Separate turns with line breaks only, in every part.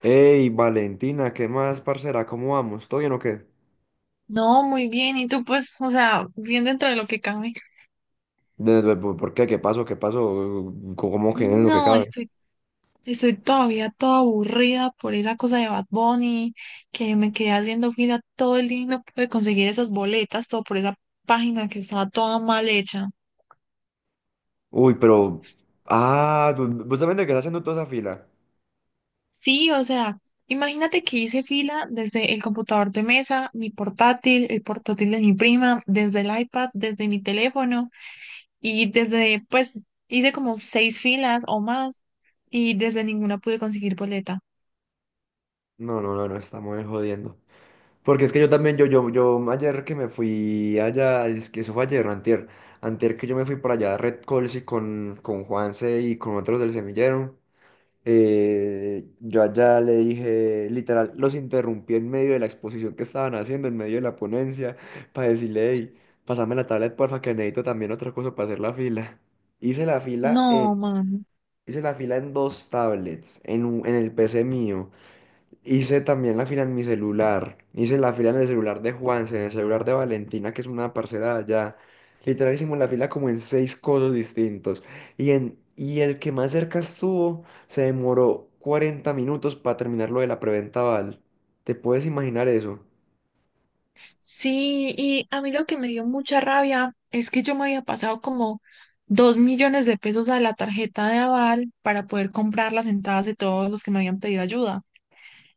Hey, Valentina, ¿qué más, parcera? ¿Cómo vamos? ¿Todo bien o qué?
No, muy bien. Y tú, pues, o sea, bien dentro de lo que cabe.
¿Por qué? ¿Qué pasó? ¿Qué pasó? ¿Cómo que es lo que
No,
cabe?
estoy todavía toda aburrida por esa cosa de Bad Bunny, que me quedé haciendo fila todo el día y no pude conseguir esas boletas, todo por esa página que estaba toda mal hecha.
Uy, pero. Ah, vos también te quedás haciendo toda esa fila.
Sí, o sea, imagínate que hice fila desde el computador de mesa, mi portátil, el portátil de mi prima, desde el iPad, desde mi teléfono y desde, pues, hice como seis filas o más y desde ninguna pude conseguir boleta.
No, no, no, no, estamos ahí jodiendo. Porque es que yo también, yo ayer que me fui allá, es que eso fue ayer, no, antier, antier que yo me fui para allá a Red Colsi con Juanse y con otros del semillero. Yo allá le dije, literal, los interrumpí en medio de la exposición que estaban haciendo, en medio de la ponencia, para decirle, hey, pasame la tablet, porfa, que necesito también otra cosa para hacer la fila. Hice la fila en,
No, mano.
Hice la fila en dos tablets, en el PC mío. Hice también la fila en mi celular. Hice la fila en el celular de Juanse, en el celular de Valentina, que es una parcera de allá. Literal hicimos la fila como en seis codos distintos. Y el que más cerca estuvo se demoró 40 minutos para terminar lo de la preventa, Val. ¿Te puedes imaginar eso?
Sí, y a mí lo que me dio mucha rabia es que yo me había pasado como 2 millones de pesos a la tarjeta de aval para poder comprar las entradas de todos los que me habían pedido ayuda.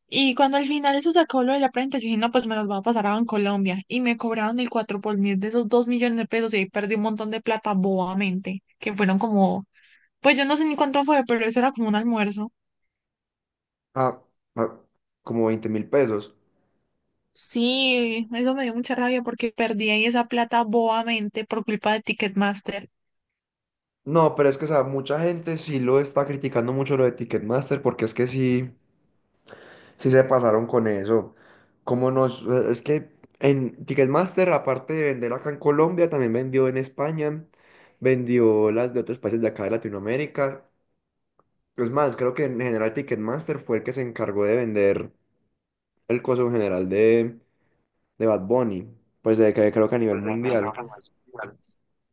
Y cuando al final eso sacó lo de la prenda, yo dije, no, pues me los va a pasar a Colombia. Y me cobraron el cuatro por mil de esos 2 millones de pesos y ahí perdí un montón de plata bobamente, que fueron como, pues yo no sé ni cuánto fue, pero eso era como un almuerzo.
Ah, ah, como 20.000 pesos.
Sí, eso me dio mucha rabia porque perdí ahí esa plata bobamente por culpa de Ticketmaster.
No, pero es que, o sea, mucha gente sí lo está criticando mucho lo de Ticketmaster porque es que sí. Sí se pasaron con eso. Es que en Ticketmaster, aparte de vender acá en Colombia, también vendió en España, vendió las de otros países de acá de Latinoamérica. Es más, creo que en general Ticketmaster fue el que se encargó de vender el coso en general de Bad Bunny, pues de que creo que a nivel mundial.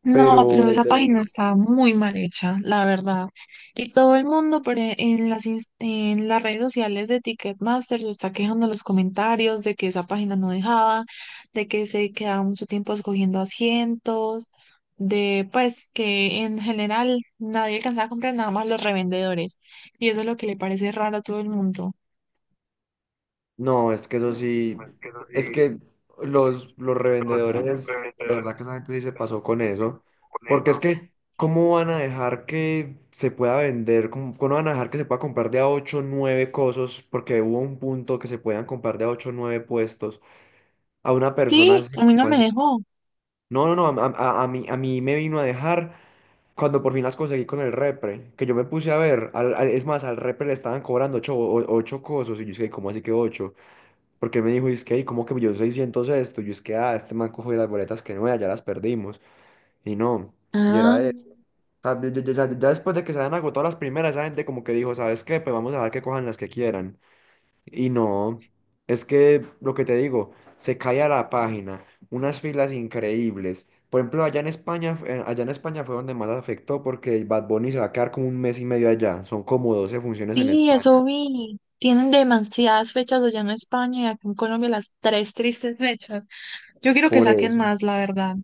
No, pero
Pero
esa
te lo
página está muy mal hecha, la verdad. Y todo el mundo por e- en las, ins- en las redes sociales de Ticketmaster se está quejando en los comentarios de que esa página no dejaba, de que se quedaba mucho tiempo escogiendo asientos, de pues que en general nadie alcanzaba a comprar nada más los revendedores. Y eso es lo que le parece raro a todo el mundo.
No, es que eso sí, es que los revendedores, de verdad que esa gente sí se pasó con eso, porque es que, ¿cómo van a dejar que se pueda vender? ¿Cómo van a dejar que se pueda comprar de a 8 o 9 cosas? Porque hubo un punto que se puedan comprar de a 8 o 9 puestos a una persona
Sí,
así
a mí no
como
me
así.
dejó.
No, no, no, a mí me vino a dejar cuando por fin las conseguí con el repre, que yo me puse a ver, es más, al repre le estaban cobrando ocho cosas, y yo dije, ¿cómo así que ocho? Porque él me dijo, es que, "Ey, ¿cómo que yo 600 esto? Yo es que, ah, este man cogió las boletas que no, ya las perdimos". Y no, y
Ah,
era eso. O sea, ya después de que se habían agotado las primeras, esa gente como que dijo, ¿sabes qué? Pues vamos a dejar que cojan las que quieran. Y no, es que lo que te digo, se cae a la página, unas filas increíbles. Por ejemplo, allá en España fue donde más afectó porque Bad Bunny se va a quedar como un mes y medio allá. Son como 12 funciones en
sí,
España.
eso vi. Tienen demasiadas fechas allá en España y acá en Colombia las tres tristes fechas. Yo quiero que
Por
saquen
eso.
más, la verdad.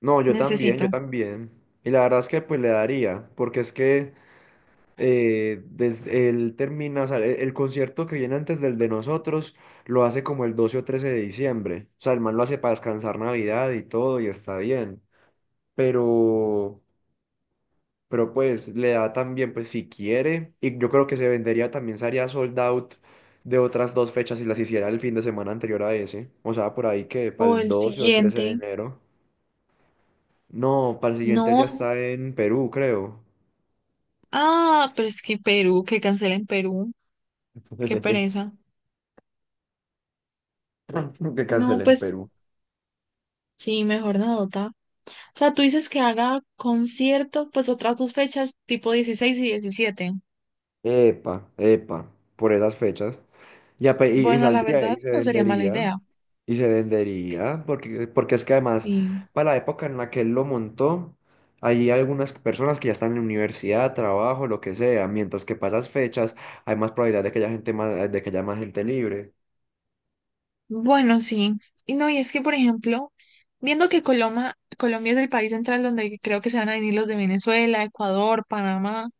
No, yo también, yo
Necesito.
también. Y la verdad es que pues le daría, porque es que desde él termina, o sea, concierto que viene antes del de nosotros lo hace como el 12 o 13 de diciembre. O sea, el man lo hace para descansar Navidad y todo y está bien. Pero, pues le da también, pues si quiere, y yo creo que se vendería también, se haría sold out de otras dos fechas si las hiciera el fin de semana anterior a ese. O sea, por ahí que para
O
el
el
12 o 13 de
siguiente.
enero. No, para el siguiente ya
No.
está en Perú, creo.
Ah, pero es que Perú, que cancelen Perú. Qué pereza.
Que
No,
cancelen en
pues
Perú.
sí, mejor nota. O sea, tú dices que haga concierto, pues otras dos fechas, tipo 16 y 17.
Epa, epa, por esas fechas. Y
Bueno, la
saldría y
verdad,
se
no sería mala
vendería.
idea.
Y se vendería, porque es que además,
Sí.
para la época en la que él lo montó, hay algunas personas que ya están en universidad, trabajo, lo que sea, mientras que para esas fechas hay más probabilidad de que haya gente más, de que haya más gente libre.
Bueno, sí. Y no, y es que, por ejemplo, viendo que Coloma, Colombia es el país central donde creo que se van a venir los de Venezuela, Ecuador, Panamá,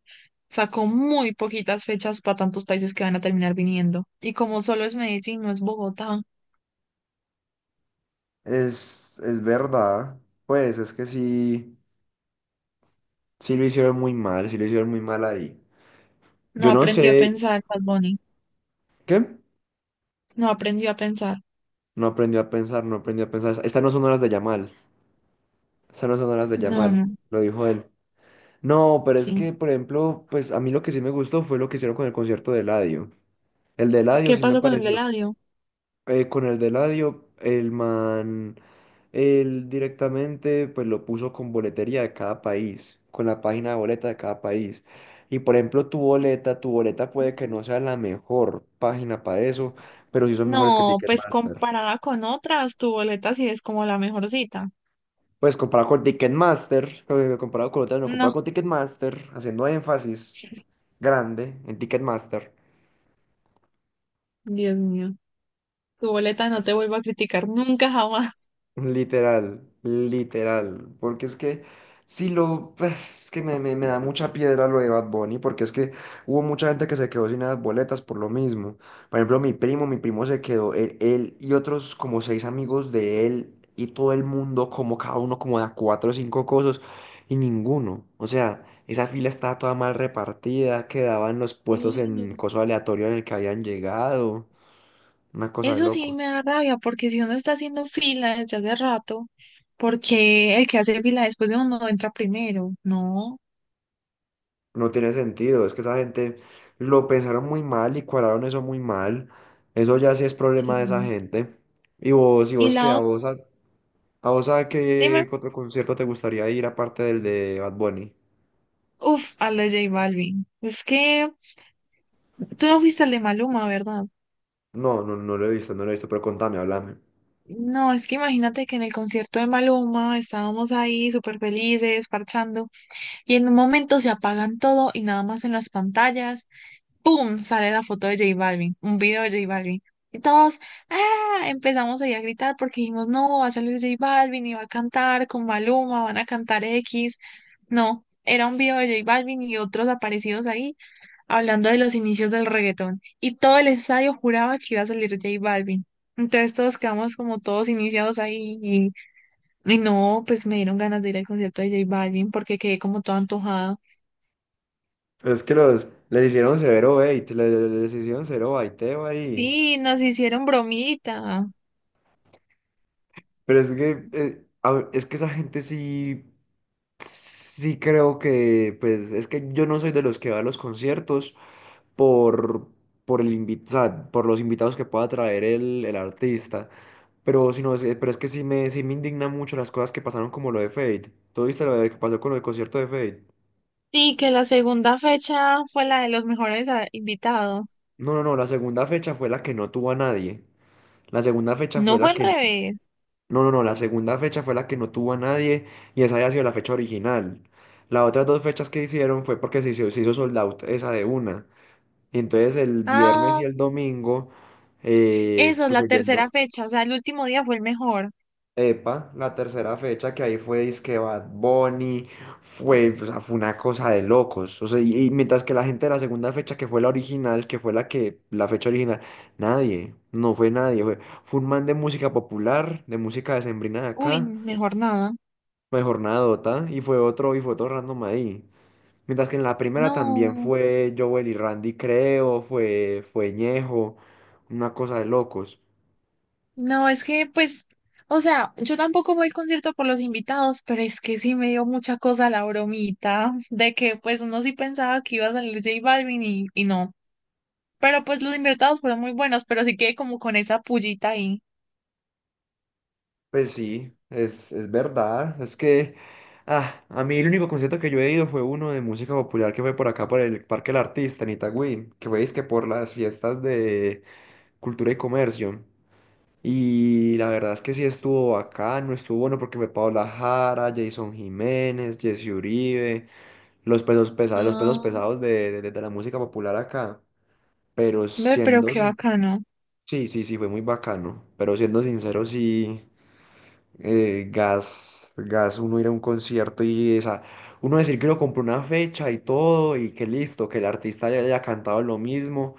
sacó muy poquitas fechas para tantos países que van a terminar viniendo. Y como solo es Medellín, no es Bogotá,
Es verdad, pues es que sí, sí lo hicieron muy mal, sí lo hicieron muy mal ahí.
no
Yo no
aprendió a
sé
pensar, Bad Bunny,
qué.
no aprendió a pensar.
No aprendí a pensar, no aprendí a pensar. Estas no son horas de Yamal. Estas no son horas de
No,
Yamal,
no,
lo dijo él. No, pero es
sí.
que, por ejemplo, pues a mí lo que sí me gustó fue lo que hicieron con el concierto de Eladio. El de Eladio
¿Qué
sí me
pasó con el de
pareció.
Eladio?
Con el de Eladio, el man, él directamente pues lo puso con boletería de cada país, con la página de boleta de cada país. Y por ejemplo, tu boleta puede que no sea la mejor página para eso, pero sí son mejores que
No, pues
Ticketmaster.
comparada con otras, tu boleta sí es como la mejor cita.
Pues comparado con Ticketmaster, comparado con otras, no, comparado
No,
con Ticketmaster, haciendo énfasis grande en Ticketmaster.
Dios mío, tu boleta no te vuelvo a criticar nunca jamás.
Literal, literal, porque es que si lo, pues, es que me da mucha piedra lo de Bad Bunny, porque es que hubo mucha gente que se quedó sin las boletas por lo mismo. Por ejemplo, mi primo se quedó, él y otros como seis amigos de él y todo el mundo, como cada uno como de cuatro o cinco cosas, y ninguno. O sea, esa fila estaba toda mal repartida, quedaban los puestos en
Sí,
coso aleatorio en el que habían llegado, una cosa de
eso sí me da rabia, porque si uno está haciendo fila desde hace rato, ¿porque el que hace fila después de uno entra primero? No,
No tiene sentido, es que esa gente lo pensaron muy mal y cuadraron eso muy mal. Eso ya sí es problema de esa
sí.
gente. Y
Y
vos qué,
la
a
otra,
vos a, A vos, a
dime,
qué otro concierto te gustaría ir aparte del de Bad Bunny.
uff, a la J Balvin. Es que tú no fuiste al de Maluma, ¿verdad?
No, no, no lo he visto, no lo he visto, pero contame, háblame.
No, es que imagínate que en el concierto de Maluma estábamos ahí súper felices, parchando, y en un momento se apagan todo y nada más en las pantallas ¡pum! Sale la foto de J Balvin, un video de J Balvin. Y todos, ¡ah! Empezamos ahí a gritar porque dijimos, no, va a salir J Balvin y va a cantar con Maluma, van a cantar X. No, era un video de J Balvin y otros aparecidos ahí hablando de los inicios del reggaetón. Y todo el estadio juraba que iba a salir J Balvin. Entonces todos quedamos como todos iniciados ahí y no, pues me dieron ganas de ir al concierto de J Balvin porque quedé como todo antojado.
Es que los les hicieron severo bait, hicieron severo baiteo ahí.
Sí, nos hicieron bromita.
Pero es que es que esa gente sí, sí creo que pues es que yo no soy de los que va a los conciertos. por, o sea, por los invitados que pueda traer el artista. Pero, si no, pero es que sí me indigna mucho las cosas que pasaron como lo de Fade. ¿Tú viste que pasó con el concierto de Fade?
Sí, que la segunda fecha fue la de los mejores, ah, invitados.
No, no, no, la segunda fecha fue la que no tuvo a nadie. La segunda fecha
No,
fue
fue
la
al
que.
revés.
No, no, no, la segunda fecha fue la que no tuvo a nadie y esa había sido la fecha original. Las otras dos fechas que hicieron fue porque se hizo sold out esa de una. Y entonces el viernes y
Ah,
el domingo,
eso, es
pues
la
se
tercera
llenó.
fecha, o sea, el último día fue el mejor.
Epa, la tercera fecha que ahí fue disque Bad Bunny, fue, o sea, fue una cosa de locos. O sea, y mientras que la gente de la segunda fecha, que fue la original, que fue la fecha original, nadie, no fue nadie, fue, fue un man de música popular, de música decembrina de
Uy,
acá,
mejor nada.
mejor nada, y fue otro random ahí. Mientras que en la primera también
No,
fue Joel y Randy, creo, fue, fue Ñejo, una cosa de locos.
no, es que pues, o sea, yo tampoco voy al concierto por los invitados, pero es que sí me dio mucha cosa la bromita de que pues uno sí pensaba que iba a salir J Balvin y no. Pero pues los invitados fueron muy buenos, pero sí que como con esa pullita ahí.
Pues sí, es verdad. Es que a mí el único concierto que yo he ido fue uno de música popular que fue por acá, por el Parque del Artista en Itagüí, que fue que por las fiestas de Cultura y Comercio. Y la verdad es que sí estuvo bacano, estuvo bueno porque fue Paola Jara, Jason Jiménez, Jesse Uribe, los pesos
Ah,
pesados de, de la música popular acá. Pero
ve, pero
siendo,
qué
sin-
bacano.
Sí, sí, sí, fue muy bacano. Pero siendo sincero, sí, uno ir a un concierto y esa, uno decir que uno compró una fecha y todo y que listo, que el artista ya haya cantado lo mismo,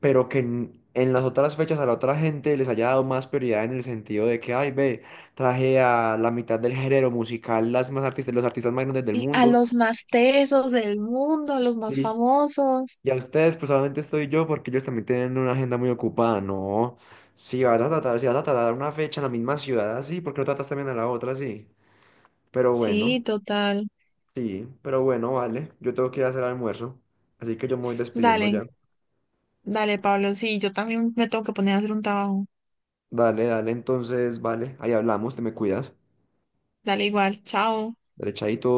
pero que en las otras fechas a la otra gente les haya dado más prioridad en el sentido de que, ay, ve, traje a la mitad del género musical las más artistas, los artistas más grandes del
Y a
mundo,
los más tesos del mundo, a los más
sí,
famosos.
y a ustedes pues solamente estoy yo porque ellos también tienen una agenda muy ocupada, no. Si vas a tratar una fecha en la misma ciudad así, ¿por qué no tratas también a la otra así? Pero
Sí,
bueno.
total.
Sí, pero bueno, vale. Yo tengo que ir a hacer almuerzo, así que yo me voy despidiendo
Dale,
ya.
dale, Pablo. Sí, yo también me tengo que poner a hacer un trabajo.
Dale, dale, entonces, vale. Ahí hablamos, te me cuidas.
Dale igual, chao.
Derechadito.